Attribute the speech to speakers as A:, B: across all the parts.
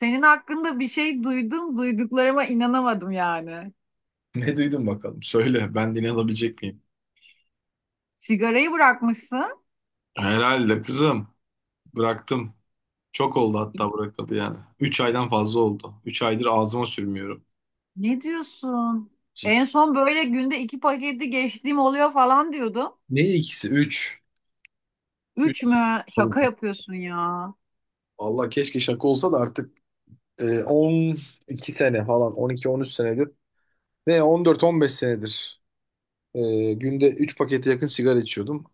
A: Senin hakkında bir şey duydum, duyduklarıma inanamadım yani.
B: Ne duydun bakalım? Söyle, ben dinleyebilecek miyim?
A: Sigarayı bırakmışsın.
B: Herhalde kızım. Bıraktım. Çok oldu hatta bırakalı yani. 3 aydan fazla oldu. 3 aydır ağzıma sürmüyorum.
A: Ne diyorsun?
B: Cid-
A: En son böyle günde iki paketi geçtiğim oluyor falan diyordun.
B: Ne ikisi? Üç. Üç.
A: Üç mü? Şaka yapıyorsun ya.
B: Vallahi keşke şaka olsa da artık on iki sene falan on iki on üç senedir ve on dört on beş senedir günde 3 pakete yakın sigara içiyordum.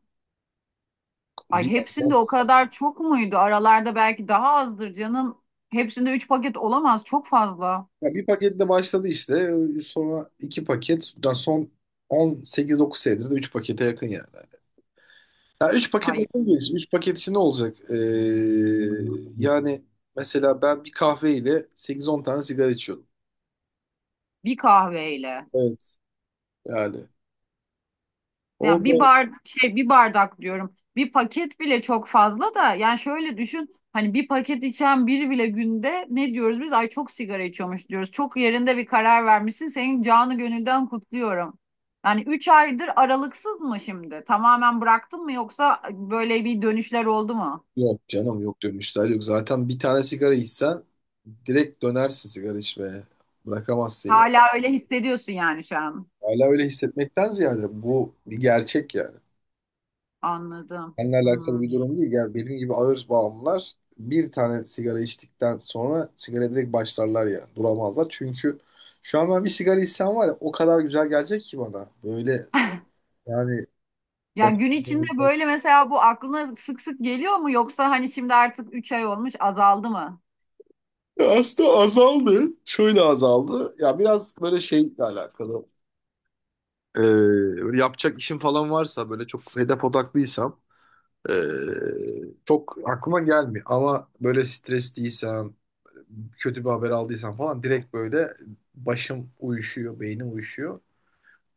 A: Ay
B: Bir,
A: hepsinde o kadar çok muydu? Aralarda belki daha azdır canım. Hepsinde üç paket olamaz. Çok fazla.
B: ya bir paketle başladı işte sonra 2 paket daha son on sekiz dokuz senedir de 3 pakete yakın yani. Ya üç paket
A: Ay
B: nasıl gelsin? Üç paketisi ne olacak? Yani mesela ben bir kahveyle sekiz on tane sigara içiyordum.
A: bir kahveyle.
B: Evet. Yani.
A: Ya bir
B: Olmaz.
A: bar şey bir bardak diyorum. Bir paket bile çok fazla da yani şöyle düşün, hani bir paket içen biri bile günde ne diyoruz biz? Ay çok sigara içiyormuş diyoruz. Çok yerinde bir karar vermişsin. Senin canı gönülden kutluyorum. Yani 3 aydır aralıksız mı şimdi? Tamamen bıraktın mı, yoksa böyle bir dönüşler oldu mu?
B: Yok canım yok dönüşler yok. Zaten bir tane sigara içsen direkt dönersin sigara içmeye. Bırakamazsın ya.
A: Hala öyle hissediyorsun yani şu an.
B: Hala öyle hissetmekten ziyade bu bir gerçek ya.
A: Anladım.
B: Seninle alakalı
A: Hmm.
B: bir durum değil. Yani benim gibi ağır bağımlılar bir tane sigara içtikten sonra sigara direkt başlarlar ya. Duramazlar. Çünkü şu an ben bir sigara içsem var ya o kadar güzel gelecek ki bana. Böyle yani
A: Ya
B: baş-
A: gün içinde böyle mesela bu aklına sık sık geliyor mu, yoksa hani şimdi artık 3 ay olmuş azaldı mı?
B: Ya Aslında azaldı. Şöyle azaldı. Ya biraz böyle şeyle alakalı. Ee, Böyle yapacak işim falan varsa böyle çok hedef odaklıysam ee, çok aklıma gelmiyor. Ama böyle stresliysem kötü bir haber aldıysam falan direkt böyle başım uyuşuyor, beynim uyuşuyor.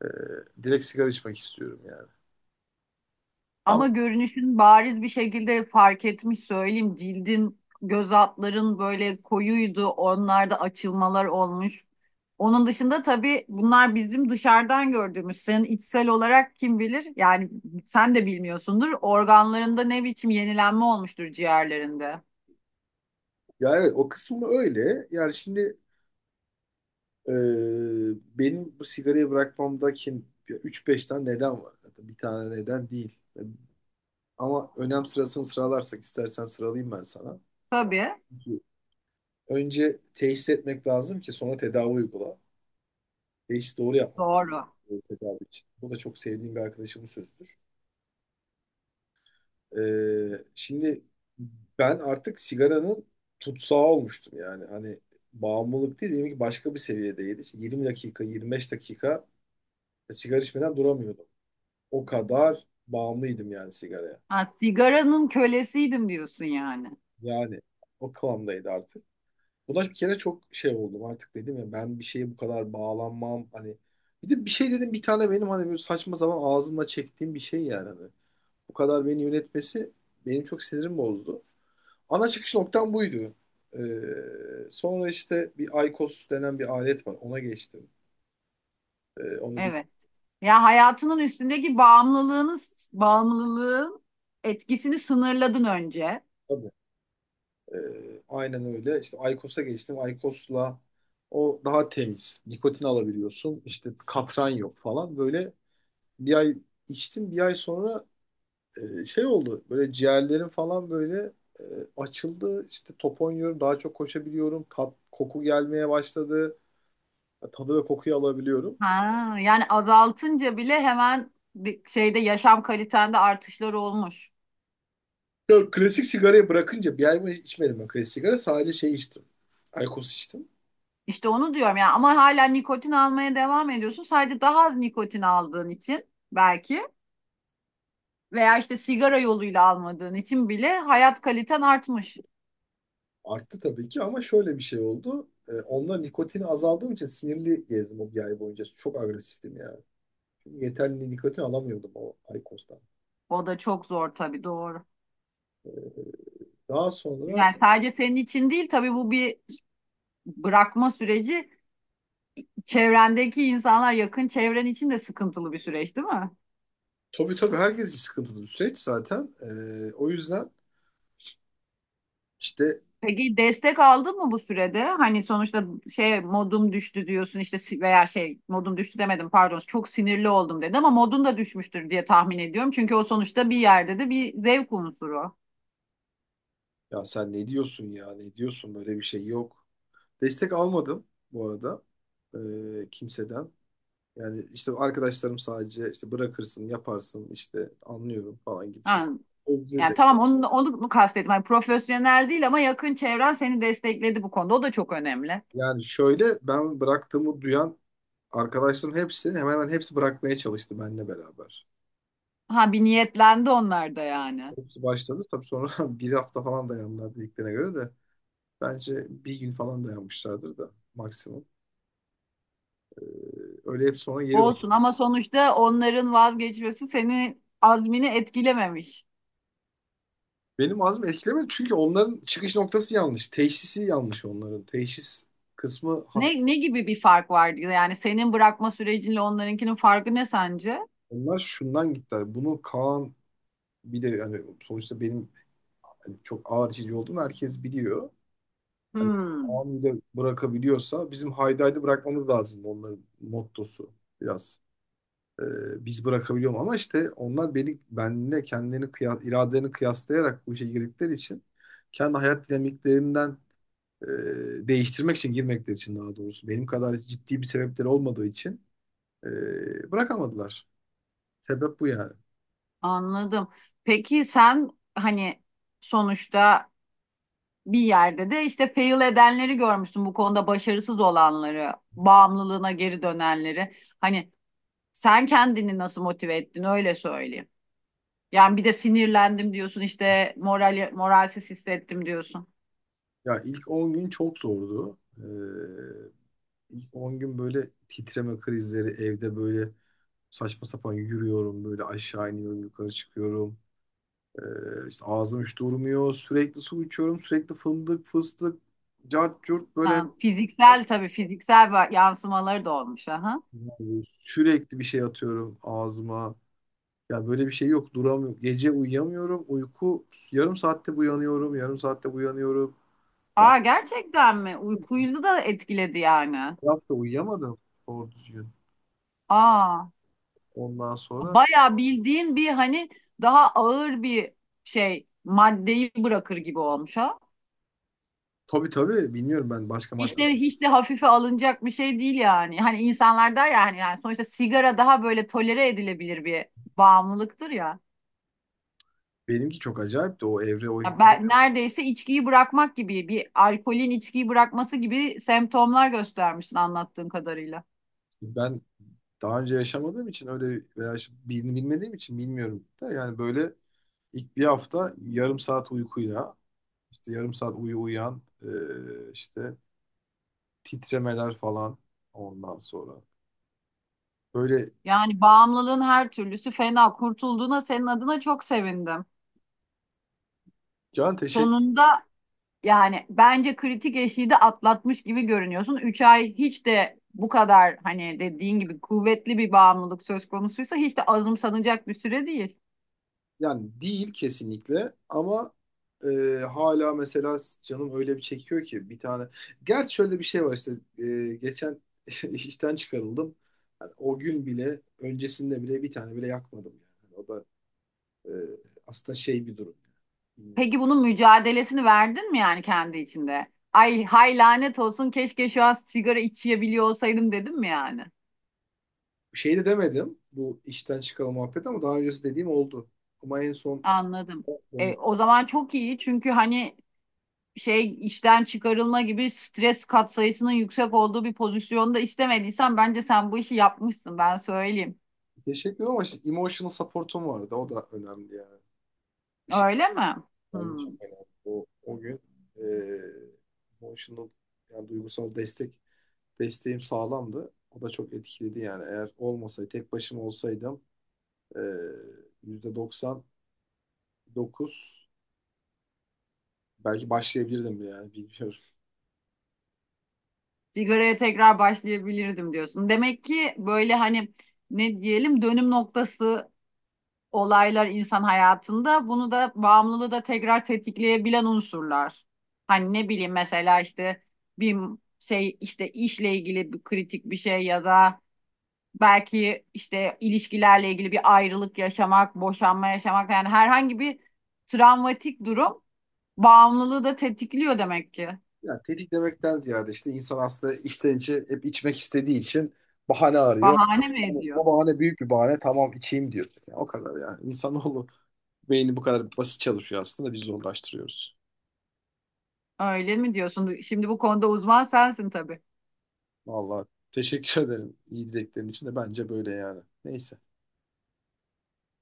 B: Ee, Direkt sigara içmek istiyorum yani. Ama
A: Ama görünüşün bariz bir şekilde fark etmiş, söyleyeyim. Cildin, göz altların böyle koyuydu. Onlarda açılmalar olmuş. Onun dışında tabii bunlar bizim dışarıdan gördüğümüz. Senin içsel olarak kim bilir? Yani sen de bilmiyorsundur. Organlarında ne biçim yenilenme olmuştur, ciğerlerinde.
B: ya evet o kısmı öyle. Yani şimdi e, benim bu sigarayı bırakmamdaki üç beş tane neden var. Zaten bir tane neden değil. Ama önem sırasını sıralarsak istersen sıralayayım ben sana.
A: Tabii.
B: Çünkü önce teşhis etmek lazım ki sonra tedavi uygula. Teşhis doğru yapmak lazım
A: Doğru.
B: tedavi için. Bu da çok sevdiğim bir arkadaşımın sözüdür. Şimdi ben artık sigaranın tutsağı olmuştum yani. Hani bağımlılık değil, benimki başka bir seviyedeydi. İşte 20 dakika, 25 dakika sigara içmeden duramıyordum. O kadar bağımlıydım yani sigaraya.
A: Ha, sigaranın kölesiydim diyorsun yani.
B: Yani o kıvamdaydı artık. Buna bir kere çok şey oldum artık dedim ya ben bir şeye bu kadar bağlanmam hani. Bir de bir şey dedim bir tane benim hani böyle saçma zaman ağzımla çektiğim bir şey yani. Hani. Bu kadar beni yönetmesi benim çok sinirim bozdu. Ana çıkış noktam buydu. Sonra işte bir IQOS denen bir alet var. Ona geçtim. Onu bir
A: Evet. Ya hayatının üstündeki bağımlılığını, bağımlılığın etkisini sınırladın önce.
B: tabii. Aynen öyle. İşte IQOS'a geçtim. IQOS'la o daha temiz. Nikotin alabiliyorsun. İşte katran yok falan. Böyle bir ay içtim. Bir ay sonra şey oldu. Böyle ciğerlerim falan böyle e, açıldı. İşte top oynuyorum. Daha çok koşabiliyorum. Tat, koku gelmeye başladı. Tadı ve kokuyu alabiliyorum.
A: Ha, yani azaltınca bile hemen bir şeyde yaşam kalitende artışlar olmuş.
B: Yok klasik sigarayı bırakınca bir ay mı içmedim ben klasik sigara. Sadece şey içtim. Aykos içtim.
A: İşte onu diyorum yani, ama hala nikotin almaya devam ediyorsun. Sadece daha az nikotin aldığın için belki, veya işte sigara yoluyla almadığın için bile hayat kaliten artmış.
B: Arttı tabii ki ama şöyle bir şey oldu. Onunla nikotini azaldığım için sinirli gezdim o bir ay boyunca. Çok agresiftim yani. Çünkü yeterli nikotin alamıyordum o Aykos'tan.
A: O da çok zor tabii, doğru.
B: Daha sonra
A: Yani sadece senin için değil tabii, bu bir bırakma süreci, çevrendeki insanlar, yakın çevren için de sıkıntılı bir süreç değil mi?
B: tabii tabii herkes için sıkıntılı bir süreç zaten. O yüzden işte
A: Peki destek aldın mı bu sürede? Hani sonuçta şey, modum düştü diyorsun işte, veya şey modum düştü demedim, pardon, çok sinirli oldum dedim, ama modun da düşmüştür diye tahmin ediyorum. Çünkü o sonuçta bir yerde de bir zevk unsuru.
B: ya sen ne diyorsun ya ne diyorsun böyle bir şey yok. Destek almadım bu arada, kimseden. Yani işte arkadaşlarım sadece işte bırakırsın, yaparsın, işte anlıyorum falan gibi şey.
A: Ha,
B: Özür
A: yani
B: dilerim.
A: tamam onu mu kastettim. Hani profesyonel değil, ama yakın çevren seni destekledi bu konuda. O da çok önemli.
B: Yani şöyle ben bıraktığımı duyan arkadaşların hepsi hemen hemen hepsi bırakmaya çalıştı benimle beraber.
A: Ha, bir niyetlendi onlar da yani.
B: Hepsi başladı. Tabii sonra bir hafta falan dayandılar dediklerine göre de bence bir gün falan dayanmışlardır da maksimum. Ee, Öyle hep sonra geri bak.
A: Olsun, ama sonuçta onların vazgeçmesi seni azmini etkilememiş.
B: Benim ağzım etkilemedi çünkü onların çıkış noktası yanlış. Teşhisi yanlış onların. Teşhis kısmı
A: Ne,
B: hata.
A: ne gibi bir fark vardı? Yani senin bırakma sürecinle onlarınkinin farkı ne sence?
B: Onlar şundan gittiler. Bunu Kaan bir de hani sonuçta benim hani çok ağır içici olduğumu herkes biliyor. Hani
A: Hmm,
B: anında bırakabiliyorsa bizim haydaydı bırakmamız lazım onların mottosu biraz. Biz bırakabiliyorum ama işte onlar beni benimle kendilerini kıyas, iradelerini kıyaslayarak bu işe girdikleri için kendi hayat dinamiklerimden değiştirmek için girmekleri için daha doğrusu benim kadar ciddi bir sebepleri olmadığı için bırakamadılar. Sebep bu yani.
A: anladım. Peki sen hani sonuçta bir yerde de işte fail edenleri görmüşsün bu konuda, başarısız olanları, bağımlılığına geri dönenleri. Hani sen kendini nasıl motive ettin, öyle söyleyeyim. Yani bir de sinirlendim diyorsun işte, moralsiz hissettim diyorsun.
B: Ya ilk 10 gün çok zordu. 10 gün böyle titreme krizleri evde böyle saçma sapan yürüyorum böyle aşağı iniyorum yukarı çıkıyorum. İşte ağzım hiç durmuyor sürekli su içiyorum sürekli fındık fıstık cart curt böyle
A: Yani fiziksel, tabii fiziksel yansımaları da olmuş. Aha.
B: yani sürekli bir şey atıyorum ağzıma. Ya böyle bir şey yok duramıyorum. Gece uyuyamıyorum uyku yarım saatte uyanıyorum yarım saatte uyanıyorum. Ya,
A: Aa, gerçekten mi? Uykuyu da etkiledi yani.
B: bir hafta uyuyamadım doğru düzgün.
A: Aa,
B: Ondan sonra
A: bayağı bildiğin bir hani daha ağır bir şey, maddeyi bırakır gibi olmuş ha.
B: tabii tabii bilmiyorum ben başka madde
A: İşte hiç de hafife alınacak bir şey değil yani. Hani insanlar der ya hani, yani sonuçta sigara daha böyle tolere edilebilir bir bağımlılıktır ya.
B: benimki çok acayipti o evre o
A: Ya ben neredeyse içkiyi bırakmak gibi, bir alkolün içkiyi bırakması gibi semptomlar göstermişsin anlattığın kadarıyla.
B: ben daha önce yaşamadığım için öyle veya işte bilmediğim için bilmiyorum da yani böyle ilk bir hafta yarım saat uykuyla işte yarım saat uyu uyan, işte titremeler falan ondan sonra böyle
A: Yani bağımlılığın her türlüsü fena. Kurtulduğuna senin adına çok sevindim.
B: can teşekkür
A: Sonunda, yani bence kritik eşiği de atlatmış gibi görünüyorsun. 3 ay hiç de bu kadar, hani dediğin gibi kuvvetli bir bağımlılık söz konusuysa, hiç de azımsanacak bir süre değil.
B: yani değil kesinlikle ama e, hala mesela canım öyle bir çekiyor ki bir tane gerçi şöyle bir şey var işte geçen işten çıkarıldım. Yani o gün bile öncesinde bile bir tane bile yakmadım yani o da Ee, aslında şey bir durum. Bilmiyorum.
A: Peki bunun mücadelesini verdin mi yani kendi içinde? Ay hay, lanet olsun, keşke şu an sigara içebiliyor olsaydım dedim mi yani?
B: Bir şey de demedim. Bu işten çıkalım muhabbet ama daha öncesi dediğim oldu. Ama en son
A: Anladım. E,
B: yani
A: o zaman çok iyi, çünkü hani şey, işten çıkarılma gibi stres katsayısının yüksek olduğu bir pozisyonda istemediysen, bence sen bu işi yapmışsın, ben söyleyeyim.
B: teşekkür ederim, ama işte emotional support'um vardı. O da önemli yani. Bir şey
A: Öyle mi?
B: bence
A: Hmm.
B: çok önemli. O, o gün e, emotional yani duygusal destek desteğim sağlamdı. O da çok etkiledi yani. Eğer olmasaydı tek başıma olsaydım e, %99 belki başlayabilirdim yani bilmiyorum.
A: Sigaraya tekrar başlayabilirdim diyorsun. Demek ki böyle hani, ne diyelim, dönüm noktası olaylar insan hayatında, bunu da, bağımlılığı da tekrar tetikleyebilen unsurlar. Hani ne bileyim, mesela işte bir şey, işte işle ilgili bir kritik bir şey, ya da belki işte ilişkilerle ilgili bir ayrılık yaşamak, boşanma yaşamak, yani herhangi bir travmatik durum bağımlılığı da tetikliyor demek ki.
B: Ya tetiklemekten ziyade işte insan aslında içten içe hep içmek istediği için bahane arıyor.
A: Bahane mi
B: Ama bu
A: ediyor?
B: bahane büyük bir bahane tamam içeyim diyor. Ya o kadar yani. İnsanoğlu beyni bu kadar basit çalışıyor aslında biz zorlaştırıyoruz.
A: Öyle mi diyorsun? Şimdi bu konuda uzman sensin tabii.
B: Vallahi teşekkür ederim iyi dileklerin için de bence böyle yani. Neyse.